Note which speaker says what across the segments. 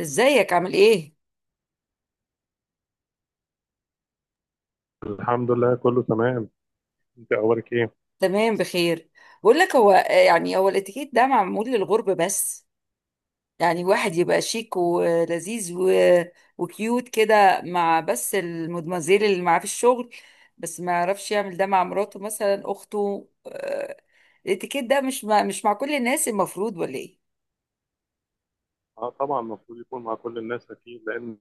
Speaker 1: ازيك؟ عامل ايه؟
Speaker 2: الحمد لله كله تمام. انت اخبارك ايه؟
Speaker 1: تمام، بخير. بقول لك، هو يعني الاتيكيت ده معمول للغرب بس. يعني واحد يبقى شيك ولذيذ وكيوت كده مع بس المدمزيل اللي معاه في الشغل، بس ما يعرفش يعمل ده مع مراته، مثلا اخته. الاتيكيت ده مش مش مع كل الناس المفروض، ولا ايه؟
Speaker 2: اه طبعا المفروض يكون مع كل الناس اكيد، لان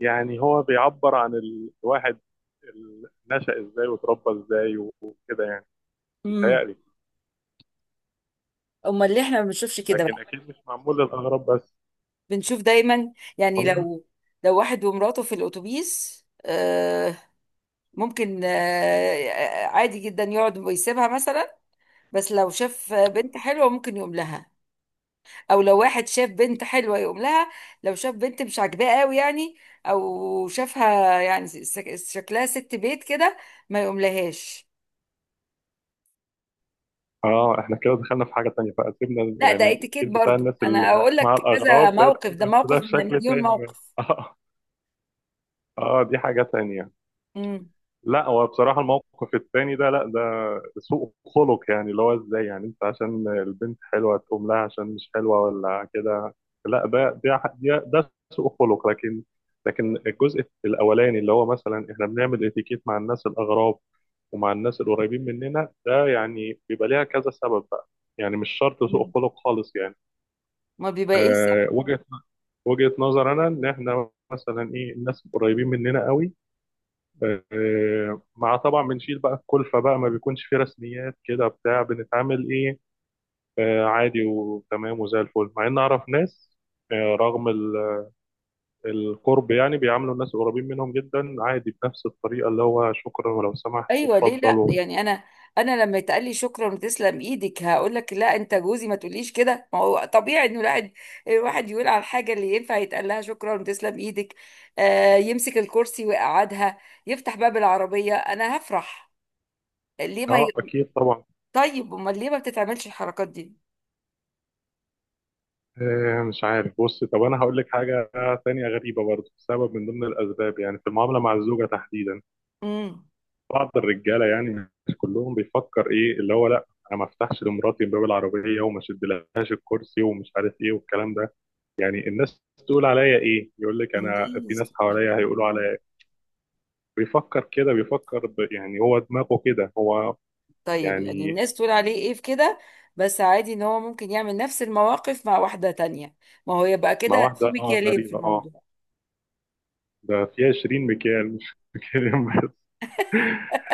Speaker 2: يعني هو بيعبر عن الواحد نشأ ازاي وتربى ازاي وكده، يعني
Speaker 1: امم.
Speaker 2: بيتهيألي.
Speaker 1: امال ليه احنا ما بنشوفش كده بقى؟
Speaker 2: لكن اكيد مش معمول للاغراب بس،
Speaker 1: بنشوف دايما. يعني
Speaker 2: والله.
Speaker 1: لو واحد ومراته في الاتوبيس، ممكن، عادي جدا يقعد ويسيبها مثلا، بس لو شاف بنت حلوة ممكن يقوم لها، او لو واحد شاف بنت حلوة يقوم لها، لو شاف بنت مش عاجباه قوي، يعني او شافها يعني شكلها ست بيت كده، ما يقوم لهاش.
Speaker 2: اه احنا كده دخلنا في حاجه تانية بقى، سيبنا
Speaker 1: لا،
Speaker 2: يعني
Speaker 1: ده اتيكيت
Speaker 2: التفكير بتاع
Speaker 1: برضو.
Speaker 2: الناس
Speaker 1: انا
Speaker 2: اللي
Speaker 1: اقول
Speaker 2: مع
Speaker 1: لك كذا
Speaker 2: الاغراب ده،
Speaker 1: موقف، ده
Speaker 2: بس ده
Speaker 1: موقف من
Speaker 2: بشكل
Speaker 1: مليون
Speaker 2: تاني
Speaker 1: موقف.
Speaker 2: بقى. اه اه دي حاجه تانية.
Speaker 1: امم.
Speaker 2: لا هو بصراحة الموقف التاني ده، لا ده سوء خلق يعني، اللي هو ازاي يعني انت عشان البنت حلوة تقوم لها، عشان مش حلوة ولا كده. لا ده ده سوء خلق. لكن لكن الجزء الأولاني اللي هو مثلا احنا بنعمل اتيكيت مع الناس الأغراب ومع الناس القريبين مننا، ده يعني بيبقى ليها كذا سبب بقى. يعني مش شرط سوء خلق خالص يعني.
Speaker 1: ما بيبقى.
Speaker 2: أه وجهة نظر أنا، إن إحنا مثلا إيه، الناس القريبين مننا قوي مع طبعا بنشيل بقى الكلفة بقى، ما بيكونش في رسميات كده، بتاع بنتعامل ايه، عادي وتمام وزي الفل. مع ان اعرف ناس، رغم القرب يعني، بيعاملوا الناس القريبين منهم جدا عادي بنفس الطريقة، اللي هو شكرا ولو سمحت
Speaker 1: ايوه، ليه لا؟
Speaker 2: وتفضل.
Speaker 1: يعني انا لما يتقال لي شكرا وتسلم ايدك، هقول لك لا، انت جوزي، ما تقوليش كده. ما هو طبيعي انه الواحد يقول على الحاجه اللي ينفع يتقال لها شكرا وتسلم ايدك. آه، يمسك الكرسي ويقعدها، يفتح باب العربيه، انا هفرح. ليه ما
Speaker 2: اه
Speaker 1: ي...
Speaker 2: اكيد طبعا.
Speaker 1: طيب امال ليه ما بتتعملش الحركات دي؟
Speaker 2: مش عارف، بص، طب انا هقول لك حاجة تانية غريبة برضه. سبب من ضمن الاسباب يعني في المعاملة مع الزوجة تحديدا.
Speaker 1: امم.
Speaker 2: بعض الرجاله يعني، مش كلهم، بيفكر ايه، اللي هو لا، انا ما افتحش لمراتي باب العربيه، وما اشدلهاش الكرسي، ومش عارف ايه والكلام ده. يعني الناس تقول عليا ايه، يقول لك انا في
Speaker 1: الناس
Speaker 2: ناس
Speaker 1: تقول
Speaker 2: حواليا هيقولوا
Speaker 1: عليه-
Speaker 2: عليا إيه؟ بيفكر كده، يعني هو دماغه كده هو.
Speaker 1: طيب، يعني
Speaker 2: يعني
Speaker 1: الناس تقول عليه ايه في كده؟ بس عادي ان هو ممكن يعمل نفس المواقف مع واحده تانية. ما هو يبقى
Speaker 2: مع
Speaker 1: كده
Speaker 2: واحده
Speaker 1: في
Speaker 2: اه
Speaker 1: مكيالين في
Speaker 2: غريبه اه.
Speaker 1: الموضوع.
Speaker 2: ده فيها 20 مكيال مش مكيالين بس.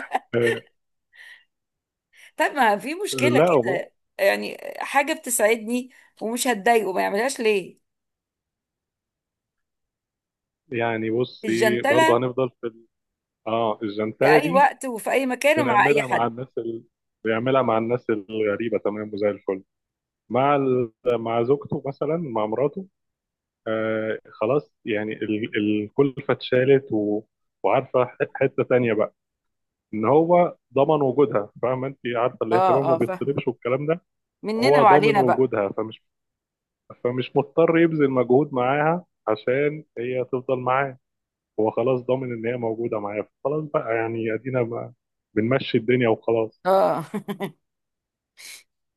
Speaker 1: طب ما في مشكلة
Speaker 2: لا بص
Speaker 1: كده، يعني حاجة بتسعدني ومش هتضايقه، ما يعملهاش ليه؟
Speaker 2: يعني، بصي برضه
Speaker 1: الجنتلة
Speaker 2: هنفضل في اه
Speaker 1: في
Speaker 2: الجنتلة
Speaker 1: أي
Speaker 2: دي.
Speaker 1: وقت وفي أي مكان ومع أي
Speaker 2: بنعملها مع
Speaker 1: حد.
Speaker 2: الناس ال... بيعملها مع الناس الغريبة تمام وزي الفل. مع مع زوجته مثلا، مع مراته، آه خلاص يعني الكلفة اتشالت وعارفة، حتة تانية بقى، إن هو ضمن وجودها، فاهمة أنت، عارفة الاهتمام
Speaker 1: اه
Speaker 2: ما
Speaker 1: اه، فاهمه.
Speaker 2: بيطلبش والكلام ده.
Speaker 1: مننا
Speaker 2: هو ضامن
Speaker 1: وعلينا بقى.
Speaker 2: وجودها، فمش فمش مضطر يبذل مجهود معاها عشان هي تفضل معاه. هو خلاص ضامن إن هي موجودة معاه، خلاص بقى يعني، أدينا بقى بنمشي الدنيا وخلاص.
Speaker 1: اه.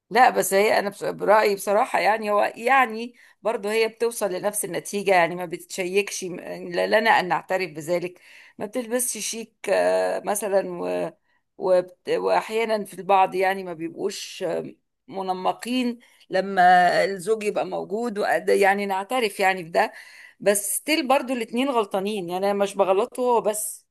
Speaker 1: لا، بس هي، انا برأيي بصراحة، يعني هو يعني برضه هي بتوصل لنفس النتيجة. يعني ما بتشيكش لنا ان نعترف بذلك. ما بتلبسش شيك مثلا، واحيانا في البعض، يعني ما بيبقوش منمقين لما الزوج يبقى موجود يعني نعترف يعني بده. بس ستيل برضه الاتنين غلطانين. يعني انا مش بغلطه هو بس،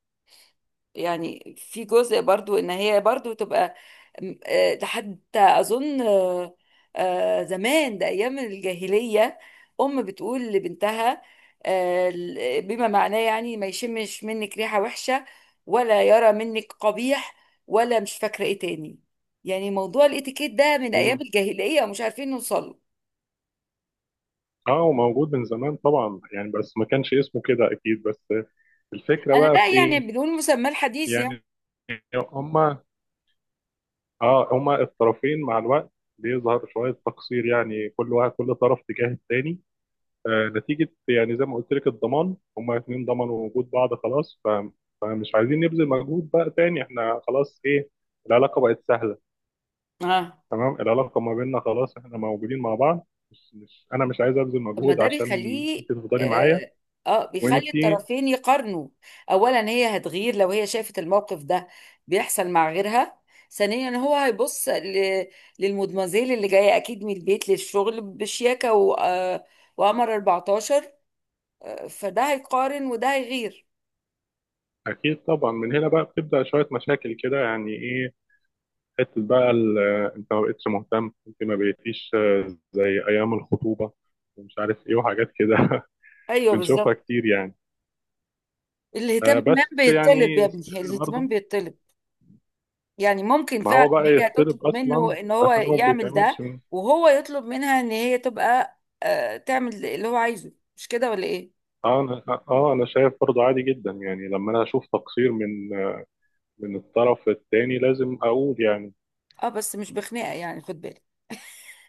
Speaker 1: يعني في جزء برضو ان هي برضو تبقى ده حتى اظن زمان ده ايام الجاهلية، ام بتقول لبنتها بما معناه يعني ما يشمش منك ريحة وحشة، ولا يرى منك قبيح، ولا مش فاكرة ايه تاني. يعني موضوع الاتيكيت ده من ايام
Speaker 2: مم.
Speaker 1: الجاهلية ومش عارفين نوصله.
Speaker 2: اه هو موجود من زمان طبعا يعني، بس ما كانش اسمه كده اكيد. بس الفكره
Speaker 1: انا
Speaker 2: بقى في
Speaker 1: لا، يعني
Speaker 2: ايه،
Speaker 1: بدون مسمى الحديث يعني.
Speaker 2: يعني هما، اه هما الطرفين مع الوقت بيظهر شويه تقصير يعني، كل واحد، كل طرف تجاه التاني. آه نتيجه يعني زي ما قلت لك، الضمان، هما اتنين ضمنوا وجود بعض خلاص، فمش عايزين نبذل مجهود بقى تاني. احنا خلاص ايه، العلاقه بقت سهله.
Speaker 1: اه.
Speaker 2: تمام العلاقه ما بيننا خلاص، احنا موجودين مع بعض، مش انا مش عايز ابذل
Speaker 1: طب ما
Speaker 2: مجهود
Speaker 1: ده
Speaker 2: عشان انت
Speaker 1: بيخليه.
Speaker 2: تفضلي معايا.
Speaker 1: اه،
Speaker 2: وانت
Speaker 1: بيخلي الطرفين يقارنوا. اولا هي هتغير لو هي شافت الموقف ده بيحصل مع غيرها. ثانيا هو هيبص للمدمزيل اللي جايه اكيد من البيت للشغل بشياكه و... آه، وقمر 14. فده هيقارن وده هيغير.
Speaker 2: اكيد طبعا. من هنا بقى بتبدا شويه مشاكل كده، يعني ايه، حته بقى آه، انت ما بقتش مهتم، انت ما بقيتيش آه، زي ايام الخطوبه ومش عارف ايه وحاجات كده.
Speaker 1: ايوه
Speaker 2: بنشوفها
Speaker 1: بالظبط.
Speaker 2: كتير يعني. آه،
Speaker 1: الاهتمام
Speaker 2: بس
Speaker 1: بيطلب، يا
Speaker 2: يعني ستيل
Speaker 1: ابني الاهتمام
Speaker 2: برضه.
Speaker 1: بيطلب. يعني ممكن
Speaker 2: ما هو
Speaker 1: فعلا ان
Speaker 2: بقى
Speaker 1: هي تطلب
Speaker 2: يضطرب
Speaker 1: منه
Speaker 2: اصلا
Speaker 1: ان هو
Speaker 2: عشان هو ما
Speaker 1: يعمل ده،
Speaker 2: بيتعملش
Speaker 1: وهو يطلب منها ان هي تبقى تعمل اللي هو عايزه، مش كده ولا ايه؟
Speaker 2: اه انا اه آه، انا شايف برضه عادي جدا يعني، لما انا اشوف تقصير من آه، من الطرف التاني، لازم اقول يعني.
Speaker 1: اه، بس مش بخناقه يعني، خد بالك.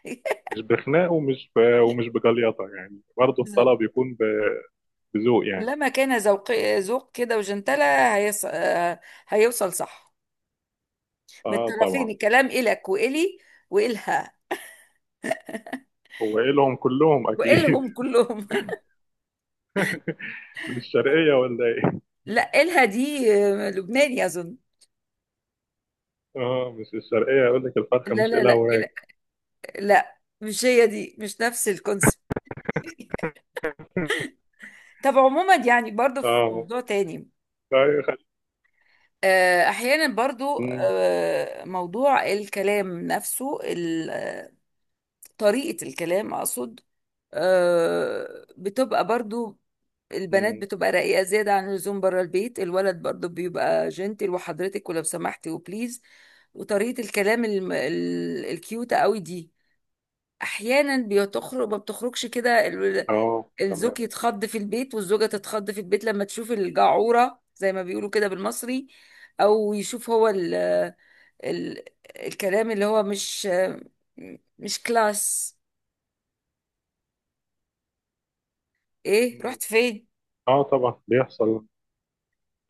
Speaker 2: مش بخناق ومش بجليطه يعني، برضه
Speaker 1: بالظبط.
Speaker 2: الطلب يكون بذوق يعني.
Speaker 1: لما كان ذوق، ذوق كده وجنتلة هيص... آه، هيوصل صح من
Speaker 2: اه
Speaker 1: الطرفين.
Speaker 2: طبعا.
Speaker 1: الكلام إلك وإلي وإلها
Speaker 2: هو ايه لهم كلهم اكيد.
Speaker 1: وإلهم كلهم.
Speaker 2: من الشرقيه ولا ايه؟
Speaker 1: لا، إلها دي لبناني أظن.
Speaker 2: اه مش الشرقيه، يقول لك الفرخه
Speaker 1: لا
Speaker 2: مش
Speaker 1: لا
Speaker 2: إلها
Speaker 1: لا،
Speaker 2: وراك.
Speaker 1: لا مش هي دي، مش نفس الكونسيبت. طب عموما يعني برضو في
Speaker 2: اه
Speaker 1: موضوع تاني.
Speaker 2: لا يخل...
Speaker 1: احيانا برضو
Speaker 2: مم،
Speaker 1: موضوع الكلام نفسه، طريقة الكلام اقصد. بتبقى برضو البنات
Speaker 2: مم،
Speaker 1: بتبقى رقيقة زيادة عن اللزوم بره البيت. الولد برضو بيبقى جنتل وحضرتك ولو سمحتي وبليز. وطريقة الكلام الكيوتة قوي دي احيانا ما بتخرجش كده.
Speaker 2: اه
Speaker 1: الزوج
Speaker 2: تمام.
Speaker 1: يتخض في البيت والزوجة تتخض في البيت لما تشوف الجعورة زي ما بيقولوا كده بالمصري، أو يشوف هو ال ال الكلام اللي هو مش كلاس. إيه،
Speaker 2: مم.
Speaker 1: رحت فين؟
Speaker 2: اه طبعا بيحصل.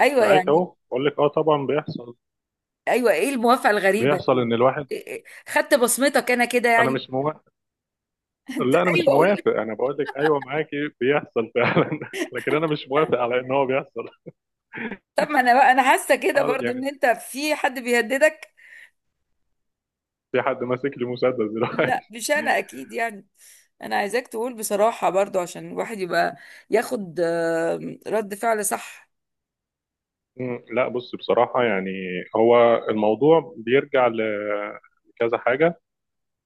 Speaker 1: أيوة
Speaker 2: معاك
Speaker 1: يعني.
Speaker 2: اهو، بقول لك اه طبعا بيحصل.
Speaker 1: أيوة، إيه الموافقة الغريبة
Speaker 2: بيحصل
Speaker 1: دي؟
Speaker 2: ان الواحد،
Speaker 1: إيه، خدت بصمتك أنا كده
Speaker 2: انا
Speaker 1: يعني.
Speaker 2: مش موافق.
Speaker 1: أنت،
Speaker 2: لا انا مش
Speaker 1: أيوة قول لي.
Speaker 2: موافق، انا بقول لك ايوه معاكي بيحصل فعلا، لكن انا مش موافق على ان هو بيحصل.
Speaker 1: طب ما أنا بقى، أنا حاسة كده
Speaker 2: آه،
Speaker 1: برضو إن
Speaker 2: يعني
Speaker 1: أنت في حد بيهددك.
Speaker 2: في حد ماسك لي مسدس دلوقتي؟
Speaker 1: لا مش انا اكيد يعني. انا عايزاك تقول بصراحة برضو عشان الواحد يبقى ياخد رد فعل صح.
Speaker 2: مم، لا بص بصراحة يعني، هو الموضوع بيرجع لكذا حاجة.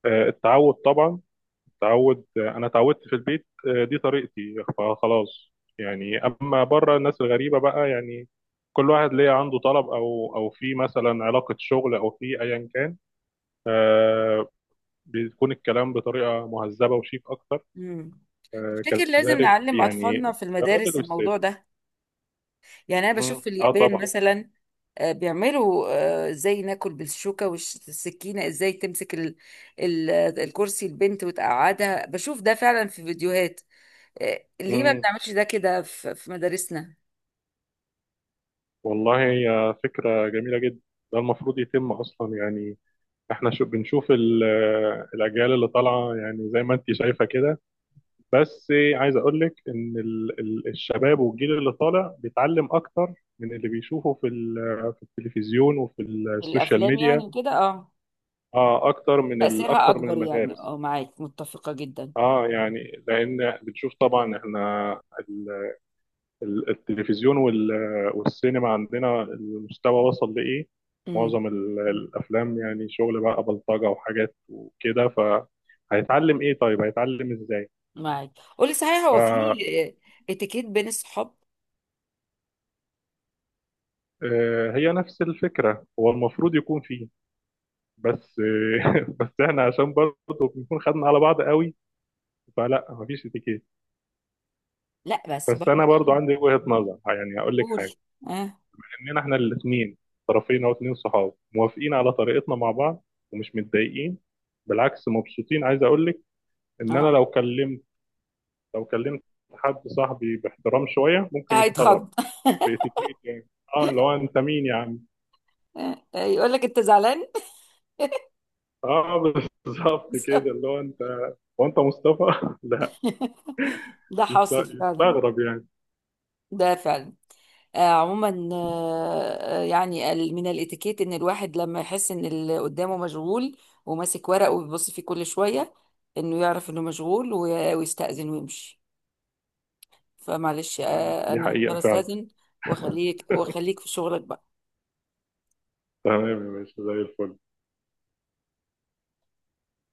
Speaker 2: آه، التعود طبعا، التعود. آه، أنا اتعودت في البيت، آه، دي طريقتي فخلاص يعني. أما بره، الناس الغريبة بقى يعني، كل واحد ليه عنده طلب، أو في مثلا علاقة شغل، أو في أيا كان، آه، بيكون الكلام بطريقة مهذبة وشيك أكتر.
Speaker 1: امم.
Speaker 2: آه،
Speaker 1: تفتكر لازم
Speaker 2: كذلك
Speaker 1: نعلم اطفالنا
Speaker 2: يعني،
Speaker 1: في
Speaker 2: الراجل
Speaker 1: المدارس الموضوع
Speaker 2: والست.
Speaker 1: ده؟ يعني انا بشوف
Speaker 2: مم،
Speaker 1: في
Speaker 2: اه
Speaker 1: اليابان
Speaker 2: طبعا.
Speaker 1: مثلا بيعملوا ازاي ناكل بالشوكة والسكينة، ازاي تمسك ال- الكرسي البنت وتقعدها. بشوف ده فعلا في فيديوهات. ليه ما بنعملش ده كده في مدارسنا؟
Speaker 2: والله هي فكرة جميلة جدا، ده المفروض يتم أصلا يعني. احنا شو بنشوف الأجيال اللي طالعة، يعني زي ما انت شايفة كده. بس عايز أقول لك إن الشباب والجيل اللي طالع بيتعلم أكتر من اللي بيشوفه في في التلفزيون وفي السوشيال
Speaker 1: الافلام
Speaker 2: ميديا.
Speaker 1: يعني كده، اه.
Speaker 2: اه أكتر من
Speaker 1: تأثيرها
Speaker 2: أكتر من
Speaker 1: أكبر يعني،
Speaker 2: المدارس.
Speaker 1: اه معاك متفقة جدا.
Speaker 2: اه يعني لأن بنشوف طبعا احنا التلفزيون والسينما عندنا، المستوى وصل لإيه.
Speaker 1: امم.
Speaker 2: معظم الأفلام يعني شغل بقى بلطجة وحاجات وكده، فهيتعلم إيه، طيب هيتعلم إزاي؟
Speaker 1: معاك. قولي صحيح، هو في اتيكيت بين الصحاب؟
Speaker 2: فهي نفس الفكرة، هو المفروض يكون فيه، بس. بس احنا عشان برضه بنكون خدنا على بعض قوي، فلا مفيش اتيكيت.
Speaker 1: لا بس
Speaker 2: بس
Speaker 1: برضه.
Speaker 2: انا برضه عندي وجهة نظر، يعني هقول لك
Speaker 1: قولي.
Speaker 2: حاجة.
Speaker 1: اه
Speaker 2: اننا احنا الاثنين، طرفين او اتنين صحاب، موافقين على طريقتنا مع بعض ومش متضايقين، بالعكس مبسوطين. عايز اقول لك ان انا
Speaker 1: اه.
Speaker 2: لو كلمت حد صاحبي باحترام شويه ممكن يستغرب،
Speaker 1: هيتخض.
Speaker 2: باتيكيت يعني. اه اللي هو انت مين يا عم.
Speaker 1: يقول لك انت زعلان.
Speaker 2: اه بالظبط كده، اللي هو انت، وانت مصطفى. لا
Speaker 1: ده حاصل فعلا.
Speaker 2: يستغرب يعني.
Speaker 1: ده فعلا. عموما، يعني من الاتيكيت ان الواحد لما يحس ان اللي قدامه مشغول وماسك ورقه وبيبص فيه كل شوية، انه يعرف انه مشغول ويستأذن ويمشي. فمعلش
Speaker 2: مم. دي
Speaker 1: انا
Speaker 2: حقيقه
Speaker 1: هضطر
Speaker 2: فعلا.
Speaker 1: استاذن واخليك واخليك في شغلك بقى.
Speaker 2: تمام يا باشا زي الفل.